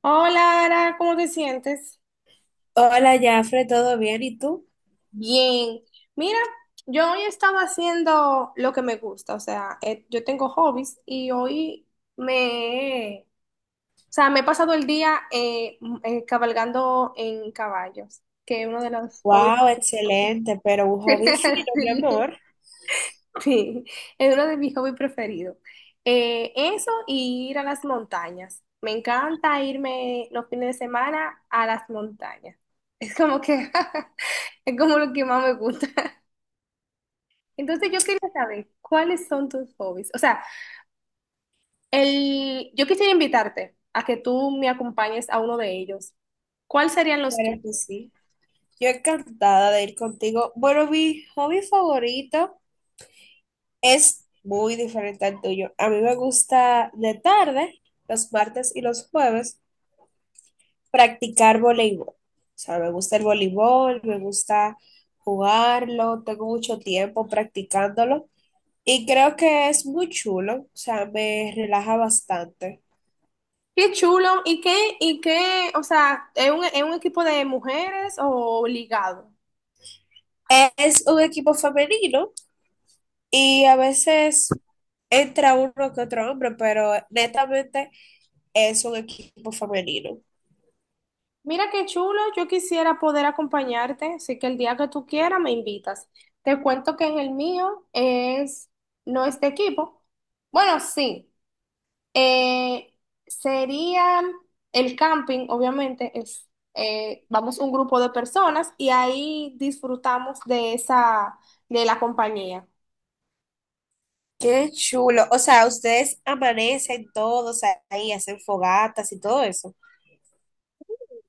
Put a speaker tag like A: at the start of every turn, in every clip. A: Hola, Ara, ¿cómo te sientes?
B: Hola, Jafre, ¿todo bien? ¿Y tú?
A: Bien. Mira, yo hoy estaba haciendo lo que me gusta, o sea, yo tengo hobbies y hoy me, me he pasado el día cabalgando en caballos, que es uno de los hobbies.
B: Wow, excelente, pero un hobby fino, mi
A: Sí.
B: amor.
A: Sí, es uno de mis hobbies preferidos. Eso y ir a las montañas. Me encanta irme los fines de semana a las montañas. Es como que es como lo que más me gusta. Entonces yo quería saber cuáles son tus hobbies. O sea, yo quisiera invitarte a que tú me acompañes a uno de ellos. ¿Cuáles serían los tuyos?
B: Claro que sí. Yo encantada de ir contigo. Bueno, mi hobby favorito es muy diferente al tuyo. A mí me gusta de tarde, los martes y los jueves, practicar voleibol. O sea, me gusta el voleibol, me gusta jugarlo, tengo mucho tiempo practicándolo y creo que es muy chulo, o sea, me relaja bastante.
A: Qué chulo y qué, o sea, ¿es es un equipo de mujeres o ligado?
B: Es un equipo femenino y a veces entra uno que otro hombre, pero netamente es un equipo femenino.
A: Mira qué chulo, yo quisiera poder acompañarte, así que el día que tú quieras me invitas. Te cuento que en el mío no es de equipo. Bueno, sí, eh, sería el camping, obviamente, vamos un grupo de personas y ahí disfrutamos de de la compañía.
B: Qué chulo. O sea, ustedes amanecen todos ahí, hacen fogatas y todo eso.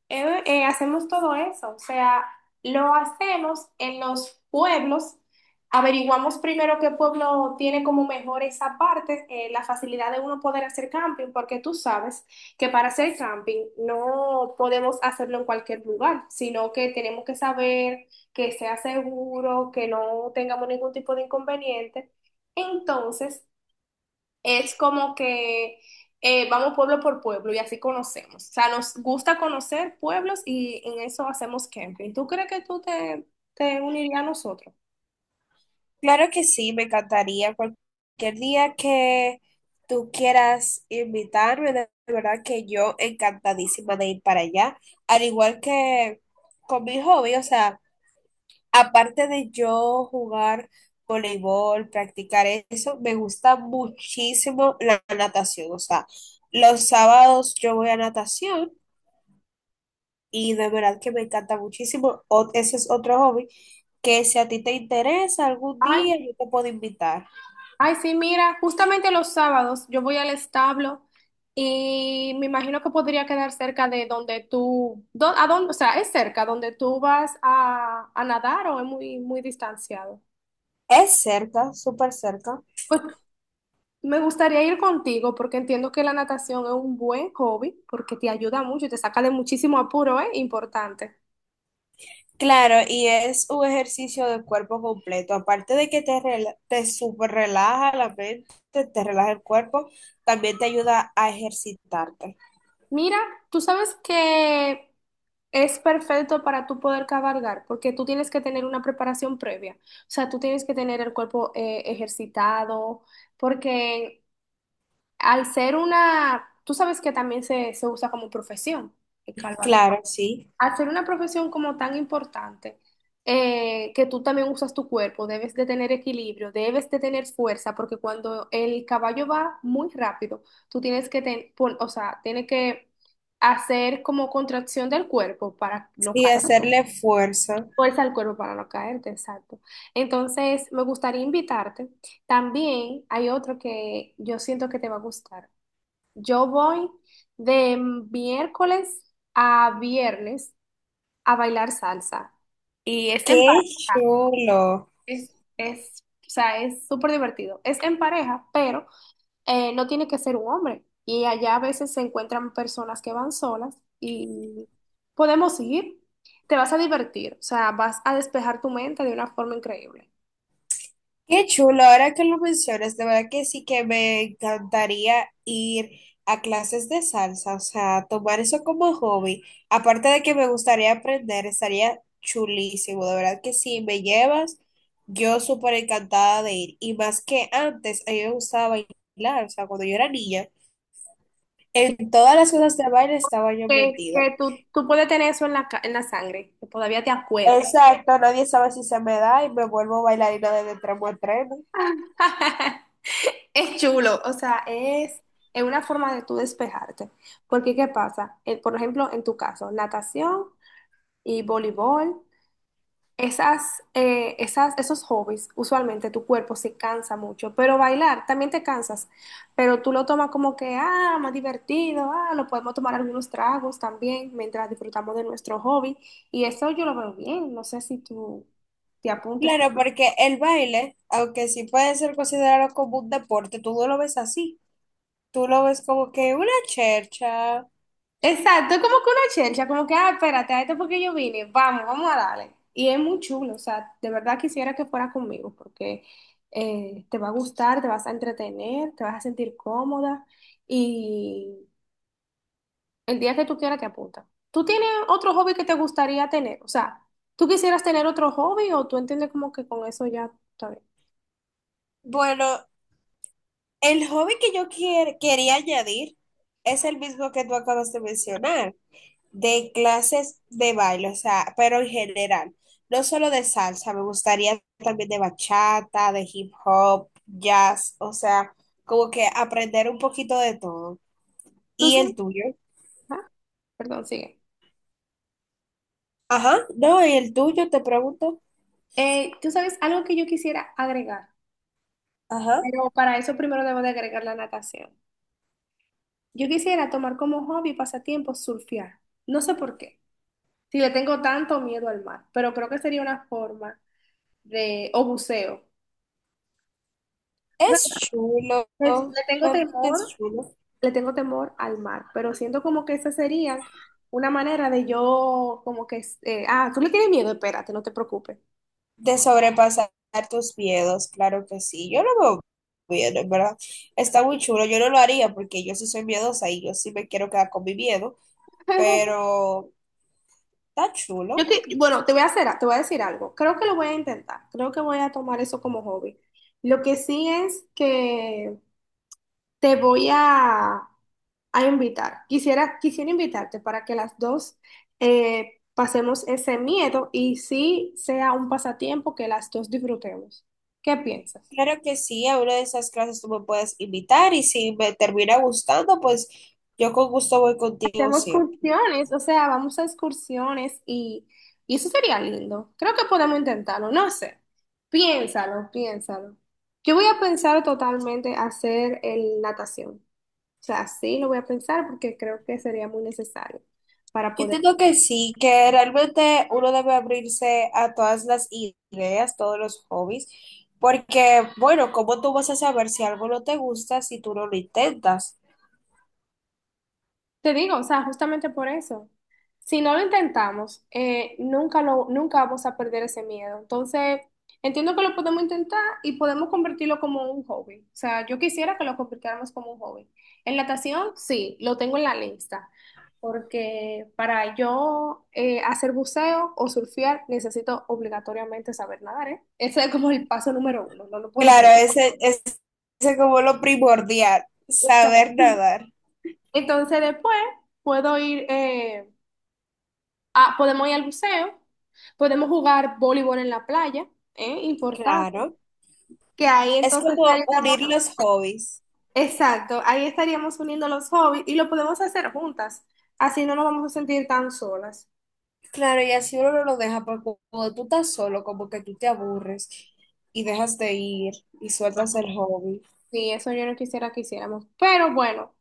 A: Hacemos todo eso, o sea, lo hacemos en los pueblos, averiguamos primero qué pueblo tiene como mejor esa parte, la facilidad de uno poder hacer camping, porque tú sabes que para hacer camping no podemos hacerlo en cualquier lugar, sino que tenemos que saber que sea seguro, que no tengamos ningún tipo de inconveniente. Entonces, es como que vamos pueblo por pueblo y así conocemos. O sea, nos gusta conocer pueblos y en eso hacemos camping. ¿Tú crees que te unirías a nosotros?
B: Claro que sí, me encantaría. Cualquier día que tú quieras invitarme, de verdad que yo encantadísima de ir para allá. Al igual que con mi hobby, o sea, aparte de yo jugar voleibol, practicar eso, me gusta muchísimo la natación. O sea, los sábados yo voy a natación y de verdad que me encanta muchísimo. Ese es otro hobby que si a ti te interesa algún
A: Ay,
B: día, yo te puedo invitar.
A: ay, sí, mira, justamente los sábados yo voy al establo y me imagino que podría quedar cerca de donde a dónde, o sea, es cerca donde tú vas a nadar o es muy, muy distanciado.
B: Es cerca, súper cerca.
A: Pues me gustaría ir contigo porque entiendo que la natación es un buen hobby porque te ayuda mucho y te saca de muchísimo apuro, ¿eh? Importante.
B: Claro, y es un ejercicio de cuerpo completo. Aparte de que te, te súper relaja la mente, te relaja el cuerpo, también te ayuda a ejercitarte.
A: Mira, tú sabes que es perfecto para tú poder cabalgar porque tú tienes que tener una preparación previa. O sea, tú tienes que tener el cuerpo ejercitado porque al ser una, tú sabes que también se usa como profesión, el cabalgar.
B: Claro, sí.
A: Hacer una profesión como tan importante, que tú también usas tu cuerpo, debes de tener equilibrio, debes de tener fuerza, porque cuando el caballo va muy rápido, tú tienes o sea, tienes que hacer como contracción del cuerpo para no
B: Y
A: caer,
B: hacerle fuerza.
A: fuerza al cuerpo para no caerte, exacto. Entonces, me gustaría invitarte. También hay otro que yo siento que te va a gustar. Yo voy de miércoles a viernes a bailar salsa. Y es en
B: ¡Qué
A: pareja,
B: chulo!
A: es, o sea, es súper divertido. Es en pareja, pero no tiene que ser un hombre. Y allá a veces se encuentran personas que van solas y podemos ir. Te vas a divertir, o sea, vas a despejar tu mente de una forma increíble.
B: Qué chulo, ahora que lo mencionas, de verdad que sí que me encantaría ir a clases de salsa, o sea, tomar eso como hobby. Aparte de que me gustaría aprender, estaría chulísimo, de verdad que si me llevas, yo súper encantada de ir. Y más que antes, a mí me gustaba bailar, o sea, cuando yo era niña,
A: Que,
B: en todas las cosas de baile estaba yo metida.
A: que tú puedes tener eso en en la sangre, que todavía te acuerdas.
B: Exacto, nadie sabe si se me da y me vuelvo bailarina de tramo a tremo.
A: Es chulo, o sea, es una forma de tú despejarte. Porque, ¿qué pasa? Por ejemplo, en tu caso, natación y voleibol, esos hobbies, usualmente tu cuerpo se cansa mucho, pero bailar también te cansas, pero tú lo tomas como que, ah, más divertido, ah, lo podemos tomar algunos tragos también mientras disfrutamos de nuestro hobby. Y eso yo lo veo bien, no sé si tú te apuntes.
B: Claro, porque el baile, aunque sí puede ser considerado como un deporte, tú no lo ves así. Tú lo ves como que una chercha.
A: Exacto, es como que una chelcha, como que, ah, espérate, a esto porque yo vine, vamos, vamos a darle. Y es muy chulo, o sea, de verdad quisiera que fuera conmigo, porque te va a gustar, te vas a entretener, te vas a sentir cómoda y el día que tú quieras te apunta. ¿Tú tienes otro hobby que te gustaría tener? O sea, ¿tú quisieras tener otro hobby o tú entiendes como que con eso ya está bien?
B: Bueno, el hobby que yo quería añadir es el mismo que tú acabas de mencionar, de clases de baile, o sea, pero en general, no solo de salsa, me gustaría también de bachata, de hip hop, jazz, o sea, como que aprender un poquito de todo.
A: ¿Tú
B: ¿Y el
A: sabes?
B: tuyo?
A: Ajá, perdón, sigue.
B: Ajá, no, ¿y el tuyo? Te pregunto.
A: ¿Tú sabes algo que yo quisiera agregar?
B: Ajá.
A: Pero para eso primero debo de agregar la natación. Yo quisiera tomar como hobby, y pasatiempo, surfear. No sé por qué. Si le tengo tanto miedo al mar, pero creo que sería una forma de, o buceo. O
B: Es
A: sea,
B: chulo,
A: es- le tengo
B: realmente es
A: temor,
B: chulo.
A: le tengo temor al mar, pero siento como que esa sería una manera de yo, como que, ah, tú le tienes miedo, espérate, no te preocupes.
B: De sobrepasar tus miedos, claro que sí. Yo lo veo bien, en verdad. Está muy chulo. Yo no lo haría porque yo sí soy miedosa y yo sí me quiero quedar con mi miedo, pero está
A: Yo
B: chulo.
A: que, bueno, te voy a hacer, te voy a decir algo. Creo que lo voy a intentar. Creo que voy a tomar eso como hobby. Lo que sí es que te voy a invitar. Quisiera, quisiera invitarte para que las dos pasemos ese miedo y sí sea un pasatiempo que las dos disfrutemos. ¿Qué piensas?
B: Claro que sí, a una de esas clases tú me puedes invitar y si me termina gustando, pues yo con gusto voy contigo
A: Hacemos
B: siempre.
A: excursiones, o sea, vamos a excursiones y eso sería lindo. Creo que podemos intentarlo, no sé. Piénsalo, piénsalo. Yo voy a pensar totalmente hacer el natación. O sea, sí lo voy a pensar porque creo que sería muy necesario para
B: Yo
A: poder.
B: entiendo que sí, que realmente uno debe abrirse a todas las ideas, todos los hobbies, porque, bueno, ¿cómo tú vas a saber si algo no te gusta si tú no lo intentas?
A: Te digo, o sea, justamente por eso. Si no lo intentamos, nunca vamos a perder ese miedo. Entonces, entiendo que lo podemos intentar y podemos convertirlo como un hobby. O sea, yo quisiera que lo convirtiéramos como un hobby. En natación, sí, lo tengo en la lista. Porque para yo hacer buceo o surfear, necesito obligatoriamente saber nadar, ¿eh? Ese es como el paso número uno, no lo puedo
B: Claro,
A: perder.
B: ese es como lo primordial, saber
A: Exacto.
B: nadar.
A: Entonces, después puedo ir. Ah, podemos ir al buceo, podemos jugar voleibol en la playa, ¿eh? Importante.
B: Claro,
A: Que ahí
B: es
A: entonces
B: como
A: estaríamos,
B: unir los hobbies.
A: exacto, ahí estaríamos uniendo los hobbies y lo podemos hacer juntas. Así no nos vamos a sentir tan solas.
B: Claro, y así uno no lo deja, porque cuando tú estás solo, como que tú te aburres y dejas de ir y sueltas el hobby.
A: Sí, eso yo no quisiera que hiciéramos. Pero bueno,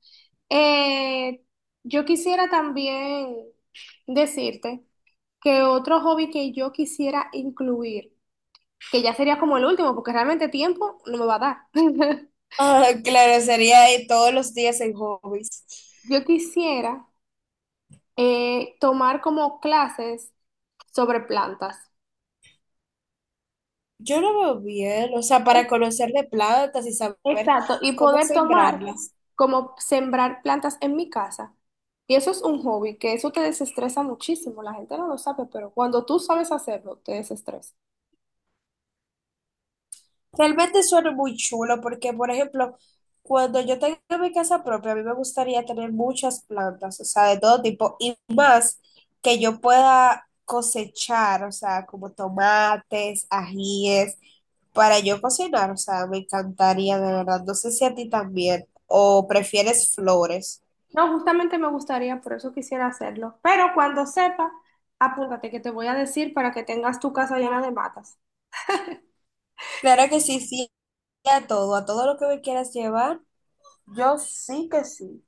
A: eh, yo quisiera también decirte que otro hobby que yo quisiera incluir, que ya sería como el último, porque realmente tiempo no me va a dar.
B: Ah, claro, sería ahí todos los días en hobbies.
A: Yo quisiera tomar como clases sobre plantas.
B: Yo lo veo bien, o sea, para conocerle plantas y saber
A: Exacto, y
B: cómo
A: poder tomar
B: sembrarlas.
A: como sembrar plantas en mi casa. Y eso es un hobby, que eso te desestresa muchísimo. La gente no lo sabe, pero cuando tú sabes hacerlo, te desestresa.
B: Realmente suena muy chulo porque, por ejemplo, cuando yo tenga mi casa propia, a mí me gustaría tener muchas plantas, o sea, de todo tipo, y más que yo pueda cosechar, o sea, como tomates, ajíes, para yo cocinar, o sea, me encantaría, de verdad. No sé si a ti también, o prefieres flores.
A: No, justamente me gustaría, por eso quisiera hacerlo. Pero cuando sepa, apúntate que te voy a decir para que tengas tu casa llena de matas.
B: Claro que sí, sí, a todo lo que me quieras llevar, yo sí que sí.